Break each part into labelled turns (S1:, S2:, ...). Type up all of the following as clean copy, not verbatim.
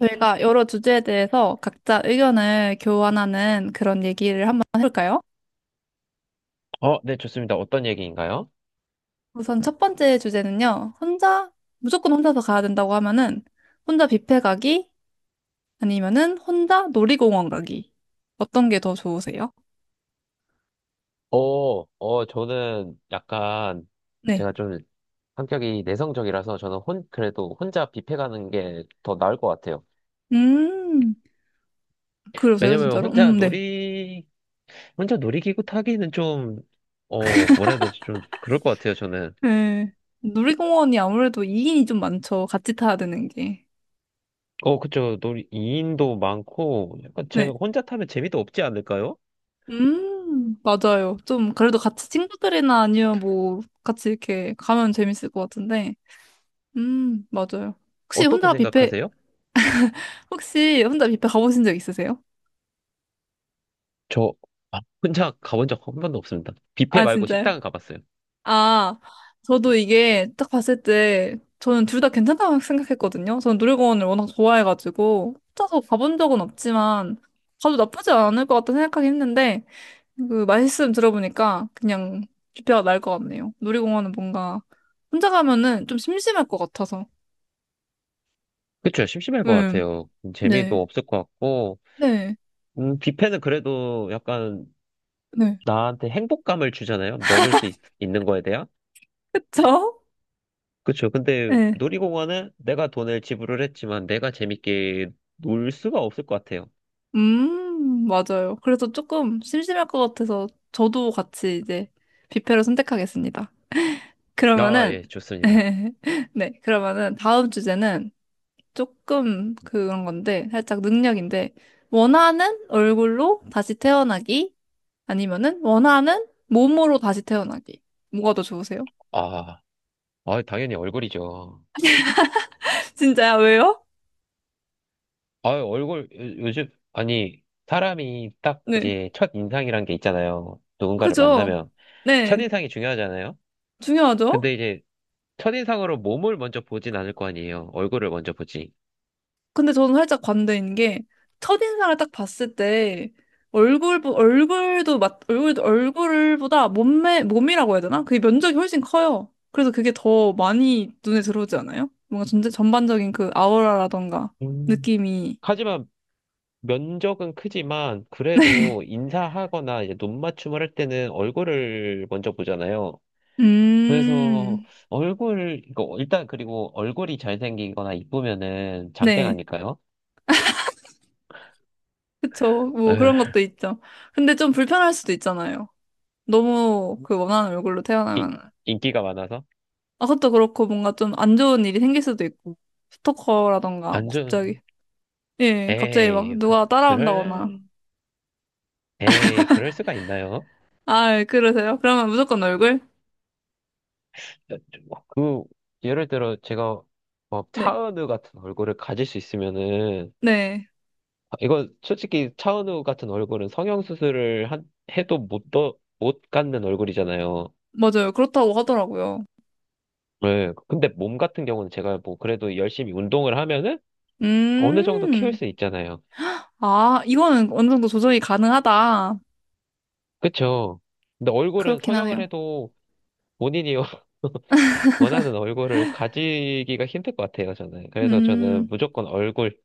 S1: 저희가 여러 주제에 대해서 각자 의견을 교환하는 그런 얘기를 한번 해볼까요?
S2: 네, 좋습니다. 어떤 얘기인가요?
S1: 우선 첫 번째 주제는요. 무조건 혼자서 가야 된다고 하면은 혼자 뷔페 가기 아니면은 혼자 놀이공원 가기. 어떤 게 더 좋으세요?
S2: 저는 약간
S1: 네.
S2: 제가 좀 성격이 내성적이라서 그래도 혼자 뷔페 가는 게 더 나을 것 같아요.
S1: 음, 그러세요,
S2: 왜냐면
S1: 진짜로? 네.
S2: 혼자 놀이기구 타기는 좀, 뭐라 해야 되지? 좀 그럴 것 같아요, 저는.
S1: 네. 놀이공원이 아무래도 2인이 좀 많죠. 같이 타야 되는 게.
S2: 어, 그쵸. 2인도 많고, 약간 제가
S1: 네.
S2: 혼자 타면 재미도 없지 않을까요?
S1: 맞아요. 좀, 그래도 같이 친구들이나 아니면 뭐, 같이 이렇게 가면 재밌을 것 같은데. 맞아요. 혹시
S2: 어떻게
S1: 혼자 뷔페,
S2: 생각하세요?
S1: 혹시 혼자 뷔페 가보신 적 있으세요?
S2: 저 아, 혼자 가본 적 한 번도 없습니다. 뷔페
S1: 아,
S2: 말고
S1: 진짜요?
S2: 식당은 가봤어요.
S1: 아, 저도 이게 딱 봤을 때 저는 둘 다 괜찮다고 생각했거든요. 저는 놀이공원을 워낙 좋아해가지고 혼자서 가본 적은 없지만 가도 나쁘지 않을 것 같다 생각하긴 했는데 그 말씀 들어보니까 그냥 뷔페가 나을 것 같네요. 놀이공원은 뭔가 혼자 가면은 좀 심심할 것 같아서.
S2: 그쵸, 심심할 것
S1: 음,
S2: 같아요.
S1: 네.
S2: 재미도 없을 것 같고,
S1: 네.
S2: 뷔페는 그래도 약간
S1: 네.
S2: 나한테 행복감을 주잖아요. 먹을 수 있, 는 거에 대한.
S1: 그쵸?
S2: 그쵸. 근데
S1: 네.
S2: 놀이공원은 내가 돈을 지불을 했지만 내가 재밌게 놀 수가 없을 것 같아요.
S1: 맞아요. 그래서 조금 심심할 것 같아서 저도 같이 이제 뷔페로 선택하겠습니다.
S2: 아,
S1: 그러면은,
S2: 예, 좋습니다.
S1: 네, 그러면은 다음 주제는 조금 그런 건데, 살짝 능력인데, 원하는 얼굴로 다시 태어나기, 아니면은 원하는 몸으로 다시 태어나기. 뭐가 더 좋으세요?
S2: 아, 아, 당연히 얼굴이죠.
S1: 진짜요? 왜요?
S2: 요즘, 아니, 사람이 딱
S1: 네.
S2: 이제 첫 인상이란 게 있잖아요. 누군가를
S1: 그죠?
S2: 만나면. 첫
S1: 네.
S2: 인상이 중요하잖아요.
S1: 중요하죠?
S2: 근데 이제 첫인상으로 몸을 먼저 보진 않을 거 아니에요. 얼굴을 먼저 보지.
S1: 근데 저는 살짝 관대인 게 첫인상을 딱 봤을 때 얼굴 얼굴도 맞 얼굴도 얼굴보다 몸매 몸이라고 해야 되나? 그게 면적이 훨씬 커요. 그래서 그게 더 많이 눈에 들어오지 않아요? 뭔가 전체 전반적인 그 아우라라던가
S2: 음.
S1: 느낌이
S2: 하지만 면적은 크지만 그래도 인사하거나 이제 눈 맞춤을 할 때는 얼굴을 먼저 보잖아요. 그래서
S1: 음.
S2: 얼굴 이거 일단 그리고 얼굴이 잘생기거나 이쁘면은 장땡
S1: 네.
S2: 아닐까요?
S1: 그쵸. 뭐
S2: 에,
S1: 그런 것도 있죠. 근데 좀 불편할 수도 있잖아요. 너무 그 원하는 얼굴로
S2: 이-
S1: 태어나면.
S2: 인기가 많아서
S1: 아, 그것도 그렇고 뭔가 좀 안 좋은 일이 생길 수도 있고. 스토커라던가
S2: 안
S1: 뭐 갑자기
S2: 좋은
S1: 예, 갑자기 막
S2: 에이 그,
S1: 누가 따라온다거나.
S2: 그럴 에이 그럴 수가 있나요?
S1: 아, 예, 그러세요? 그러면 무조건 얼굴?
S2: 그, 예를 들어 제가 뭐
S1: 네.
S2: 차은우 같은 얼굴을 가질 수 있으면은,
S1: 네.
S2: 이거 솔직히 차은우 같은 얼굴은 성형수술을 해도 못 갖는 얼굴이잖아요.
S1: 맞아요. 그렇다고 하더라고요.
S2: 네. 근데 몸 같은 경우는 제가 뭐 그래도 열심히 운동을 하면은 어느 정도 키울
S1: 음.
S2: 수 있잖아요.
S1: 아, 이거는 어느 정도 조정이 가능하다.
S2: 그쵸? 근데 얼굴은
S1: 그렇긴
S2: 성형을
S1: 하네요.
S2: 해도 본인이 원하는 얼굴을 가지기가 힘들 것 같아요, 저는. 그래서 저는
S1: 음.
S2: 무조건 얼굴,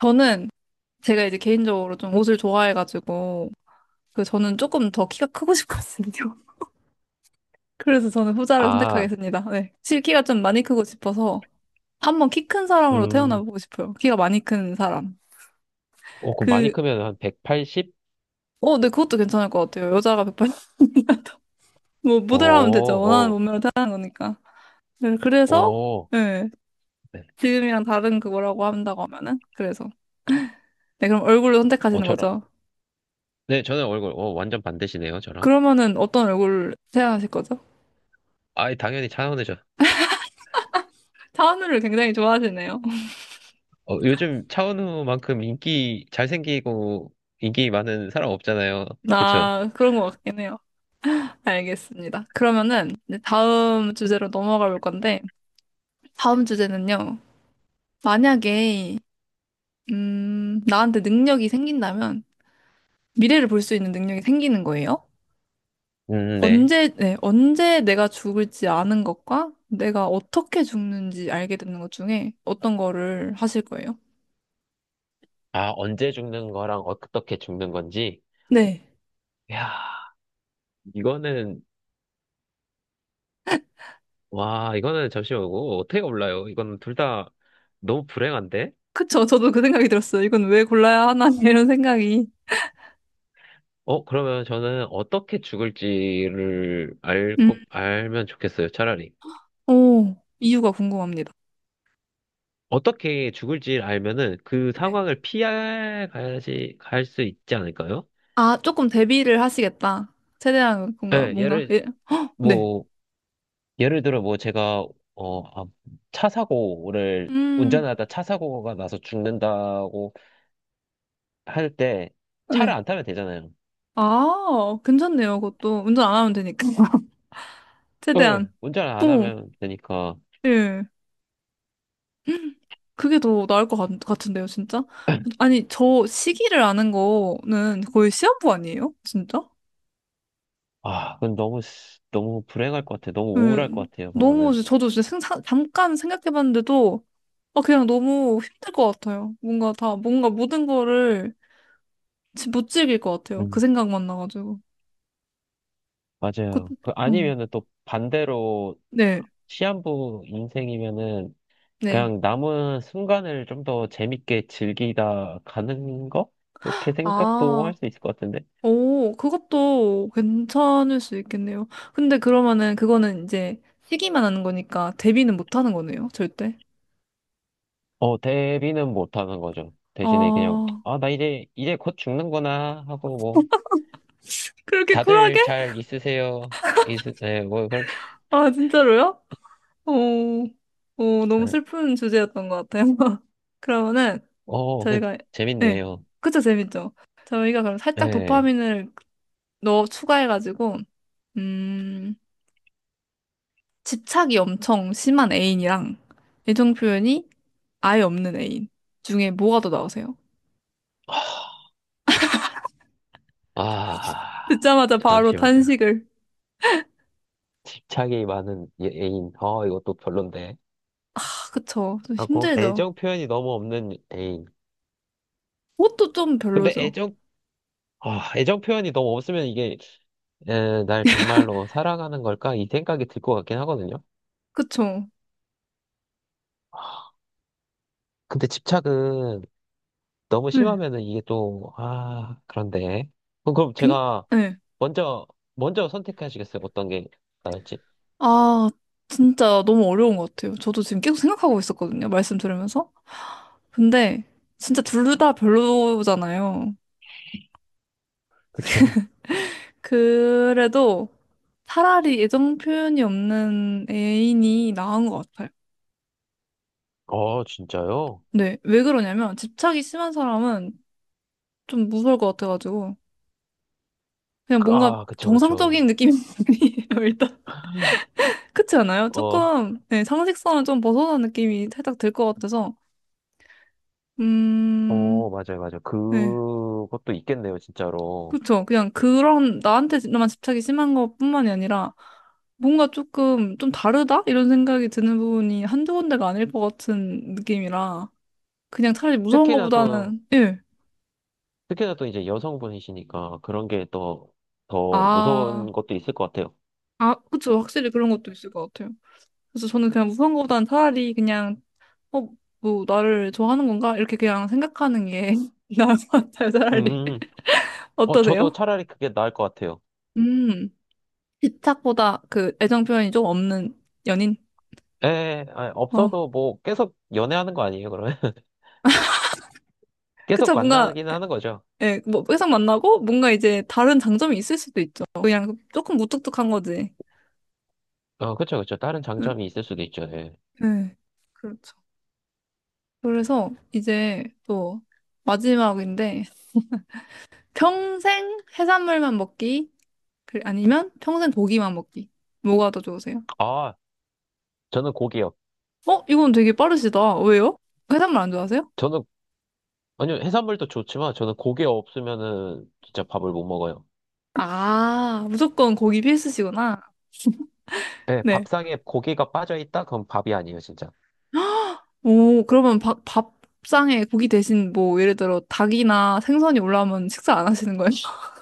S1: 저는 제가 이제 개인적으로 좀 옷을 좋아해가지고, 그 저는 조금 더 키가 크고 싶거든요. 그래서 저는 후자를
S2: 아,
S1: 선택하겠습니다. 네. 실 키가 좀 많이 크고 싶어서 한번 키 큰 사람으로
S2: 음,
S1: 태어나보고 싶어요. 키가 많이 큰 사람.
S2: 많이
S1: 그
S2: 크면 한 180?
S1: 네, 그것도 괜찮을 것 같아요. 여자가 180이라도. 뭐,
S2: 어,
S1: 모델 하면 되죠. 원하는
S2: 어,
S1: 몸매로 태어난 거니까. 네, 그래서,
S2: 어,
S1: 예,
S2: 네.
S1: 지금이랑 다른 그거라고 한다고 하면은. 그래서. 네, 그럼 얼굴로
S2: 어,
S1: 선택하시는
S2: 저랑.
S1: 거죠.
S2: 네, 저는 얼굴, 어, 완전 반대시네요, 저랑.
S1: 그러면은 어떤 얼굴 생각하실 거죠?
S2: 아이, 당연히 차은우죠.
S1: 차은우를 굉장히 좋아하시네요.
S2: 어, 요즘 차은우만큼 인기 잘생기고, 인기 많은 사람 없잖아요. 그쵸?
S1: 나 그런 것 같긴 해요. 알겠습니다. 그러면은 이제 다음 주제로 넘어가 볼 건데, 다음 주제는요. 만약에, 나한테 능력이 생긴다면, 미래를 볼 수 있는 능력이 생기는 거예요?
S2: 네.
S1: 네, 언제 내가 죽을지 아는 것과 내가 어떻게 죽는지 알게 되는 것 중에 어떤 거를 하실 거예요?
S2: 아, 언제 죽는 거랑 어떻게 죽는 건지.
S1: 네.
S2: 이야, 이거는, 와, 이거는 잠시만, 이거 어떻게 몰라요? 이거는 둘 다 너무 불행한데?
S1: 그쵸. 저도 그 생각이 들었어요. 이건 왜 골라야 하나, 이런 생각이.
S2: 어, 그러면 저는
S1: 음.
S2: 꼭 알면 좋겠어요, 차라리.
S1: 오, 이유가 궁금합니다.
S2: 어떻게 죽을지 알면은 그
S1: 네.
S2: 상황을 피할 가야지 갈 수 있지 않을까요?
S1: 아, 조금 대비를 하시겠다. 최대한 뭔가,
S2: 예,
S1: 뭔가,
S2: 예를
S1: 예. 네.
S2: 뭐 예를 들어 뭐 제가 어, 아, 차 사고를
S1: 음,
S2: 운전하다 차 사고가 나서 죽는다고 할 때 차를
S1: 네.
S2: 안 타면 되잖아요.
S1: 아, 괜찮네요. 그것도 운전 안 하면 되니까.
S2: 예,
S1: 최대한.
S2: 운전 안
S1: 오,
S2: 하면 되니까.
S1: 예. 그게 더 나을 것 같은데요, 진짜? 아니, 저 시기를 아는 거는 거의 시한부 아니에요? 진짜?
S2: 아, 그건 너무 불행할 것 같아요. 너무
S1: 네,
S2: 우울할 것 같아요.
S1: 너무,
S2: 그거는.
S1: 이제 저도 진짜 생사, 잠깐 생각해봤는데도, 아, 그냥 너무 힘들 것 같아요. 뭔가 뭔가 모든 거를 못 즐길 것 같아요. 그
S2: 음,
S1: 생각만 나가지고. 그,
S2: 맞아요.
S1: 음,
S2: 아니면은 또 반대로
S1: 네,
S2: 시한부 인생이면은
S1: 네.
S2: 그냥 남은 순간을 좀 더 재밌게 즐기다 가는 거? 그렇게 생각도
S1: 아,
S2: 할 수 있을 것 같은데.
S1: 오, 그것도 괜찮을 수 있겠네요. 근데 그러면은 그거는 이제 시기만 하는 거니까 데뷔는 못 하는 거네요, 절대.
S2: 어, 대비는 못 하는 거죠. 대신에 그냥,
S1: 아.
S2: 아, 나 이제, 이제 곧 죽는구나 하고 뭐,
S1: 그렇게
S2: 다들
S1: 쿨하게?
S2: 잘 있으세요. 네, 뭐, 그렇게,
S1: 아, 진짜로요? 어, 너무
S2: 네.
S1: 슬픈 주제였던 것 같아요. 그러면은
S2: 어, 그,
S1: 저희가, 네,
S2: 재밌네요.
S1: 그쵸, 재밌죠? 저희가 그럼 살짝
S2: 네.
S1: 도파민을 넣어 추가해가지고, 음, 집착이 엄청 심한 애인이랑 애정 표현이 아예 없는 애인 중에 뭐가 더 나오세요?
S2: 아,
S1: 듣자마자 바로
S2: 잠시만요.
S1: 탄식을.
S2: 애인. 어, 이것도 별론데.
S1: 아, 그쵸. 좀
S2: 하고,
S1: 힘들죠.
S2: 애정 표현이 너무 없는 애인.
S1: 그것도 좀
S2: 근데
S1: 별로죠.
S2: 애정 아, 애정 표현이 너무 없으면 이게 에, 날 정말로 사랑하는 걸까? 이 생각이 들 것 같긴 하거든요.
S1: 그쵸.
S2: 근데 집착은 너무
S1: 네.
S2: 심하면은 이게 또, 아, 그런데. 그럼
S1: 굉,
S2: 제가
S1: 네.
S2: 먼저, 먼저 선택하시겠어요? 어떤 게 나을지.
S1: 아, 진짜 너무 어려운 것 같아요. 저도 지금 계속 생각하고 있었거든요. 말씀 들으면서. 근데 진짜 둘다 별로잖아요.
S2: 그쵸.
S1: 그래도 차라리 애정 표현이 없는 애인이 나은 것 같아요.
S2: 어, 진짜요?
S1: 네, 왜 그러냐면 집착이 심한 사람은 좀 무서울 것 같아가지고 그냥 뭔가
S2: 아, 그쵸,
S1: 정상적인
S2: 그쵸.
S1: 느낌이 아니에요, 일단. 그렇지 않아요?
S2: 어,
S1: 조금 네, 상식선을 좀 벗어난 느낌이 살짝 들 것 같아서 음,
S2: 맞아요, 맞아요.
S1: 네.
S2: 그것도 있겠네요, 진짜로.
S1: 그쵸. 그냥 그런 나한테만 집착이 심한 것뿐만이 아니라 뭔가 조금 좀 다르다? 이런 생각이 드는 부분이 한두 군데가 아닐 것 같은 느낌이라 그냥 차라리 무서운
S2: 특히나 또,
S1: 것보다는 예.
S2: 특히나 또 이제 여성분이시니까 그런 게 또 더
S1: 아,
S2: 무서운 것도 있을 것 같아요.
S1: 아, 그쵸. 확실히 그런 것도 있을 것 같아요. 그래서 저는 그냥 무서운 것보다는 차라리 그냥 어, 뭐 나를 좋아하는 건가? 이렇게 그냥 생각하는 게 나을 것 같아요. 차라리.
S2: 음. 어, 저도
S1: 어떠세요?
S2: 차라리 그게 나을 것 같아요.
S1: 음. 집착보다 그 애정 표현이 좀 없는 연인?
S2: 예, 아,
S1: 어.
S2: 없어도 뭐 계속 연애하는 거 아니에요, 그러면? 계속
S1: 그쵸. 뭔가
S2: 만나기는 하는 거죠.
S1: 예, 뭐 회사 만나고 뭔가 이제 다른 장점이 있을 수도 있죠. 그냥 조금 무뚝뚝한 거지.
S2: 어, 그쵸, 그쵸. 다른
S1: 응,
S2: 장점이 있을 수도 있죠, 예.
S1: 예, 그렇죠. 그래서 이제 또 마지막인데 평생 해산물만 먹기 아니면 평생 고기만 먹기 뭐가 더 좋으세요?
S2: 아, 저는 고기요.
S1: 어, 이건 되게 빠르시다. 왜요? 해산물 안 좋아하세요?
S2: 저는, 아니요, 해산물도 좋지만 저는 고기 없으면은 진짜 밥을 못 먹어요.
S1: 아, 무조건 고기 필수시구나.
S2: 예,
S1: 네.
S2: 밥상에 고기가 빠져 있다? 그럼 밥이 아니에요, 진짜.
S1: 오, 그러면 밥상에 고기 대신 뭐 예를 들어 닭이나 생선이 올라오면 식사 안 하시는 거예요?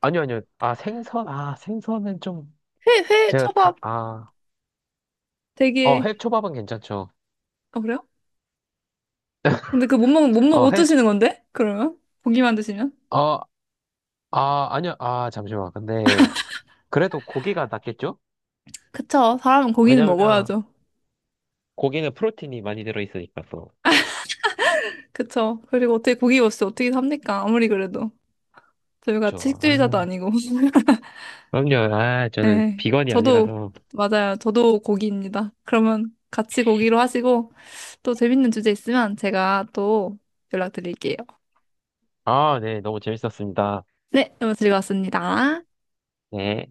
S2: 아니요, 아니요. 아, 생선? 아, 생선은 좀,
S1: 회,
S2: 제가 다,
S1: 초밥
S2: 아, 어,
S1: 되게
S2: 해초밥은 괜찮죠.
S1: 어, 그래요? 근데 그
S2: 어,
S1: 못
S2: 해,
S1: 드시는 건데? 그러면? 고기만 드시면?
S2: 어, 아니요, 아, 잠시만. 근데, 그래도 고기가 낫겠죠?
S1: 그쵸. 사람은 고기는
S2: 왜냐면
S1: 먹어야죠.
S2: 고기는 프로틴이 많이 들어있으니까 또.
S1: 그쵸. 그리고 어떻게 고기 없이 어떻게 삽니까? 아무리 그래도. 저희가
S2: 그쵸. 아,
S1: 채식주의자도 아니고.
S2: 그럼요. 아, 저는
S1: 네.
S2: 비건이
S1: 저도,
S2: 아니라서.
S1: 맞아요. 저도 고기입니다. 그러면 같이 고기로 하시고 또 재밌는 주제 있으면 제가 또 연락드릴게요.
S2: 아, 네. 너무 재밌었습니다.
S1: 네. 너무 즐거웠습니다.
S2: 네.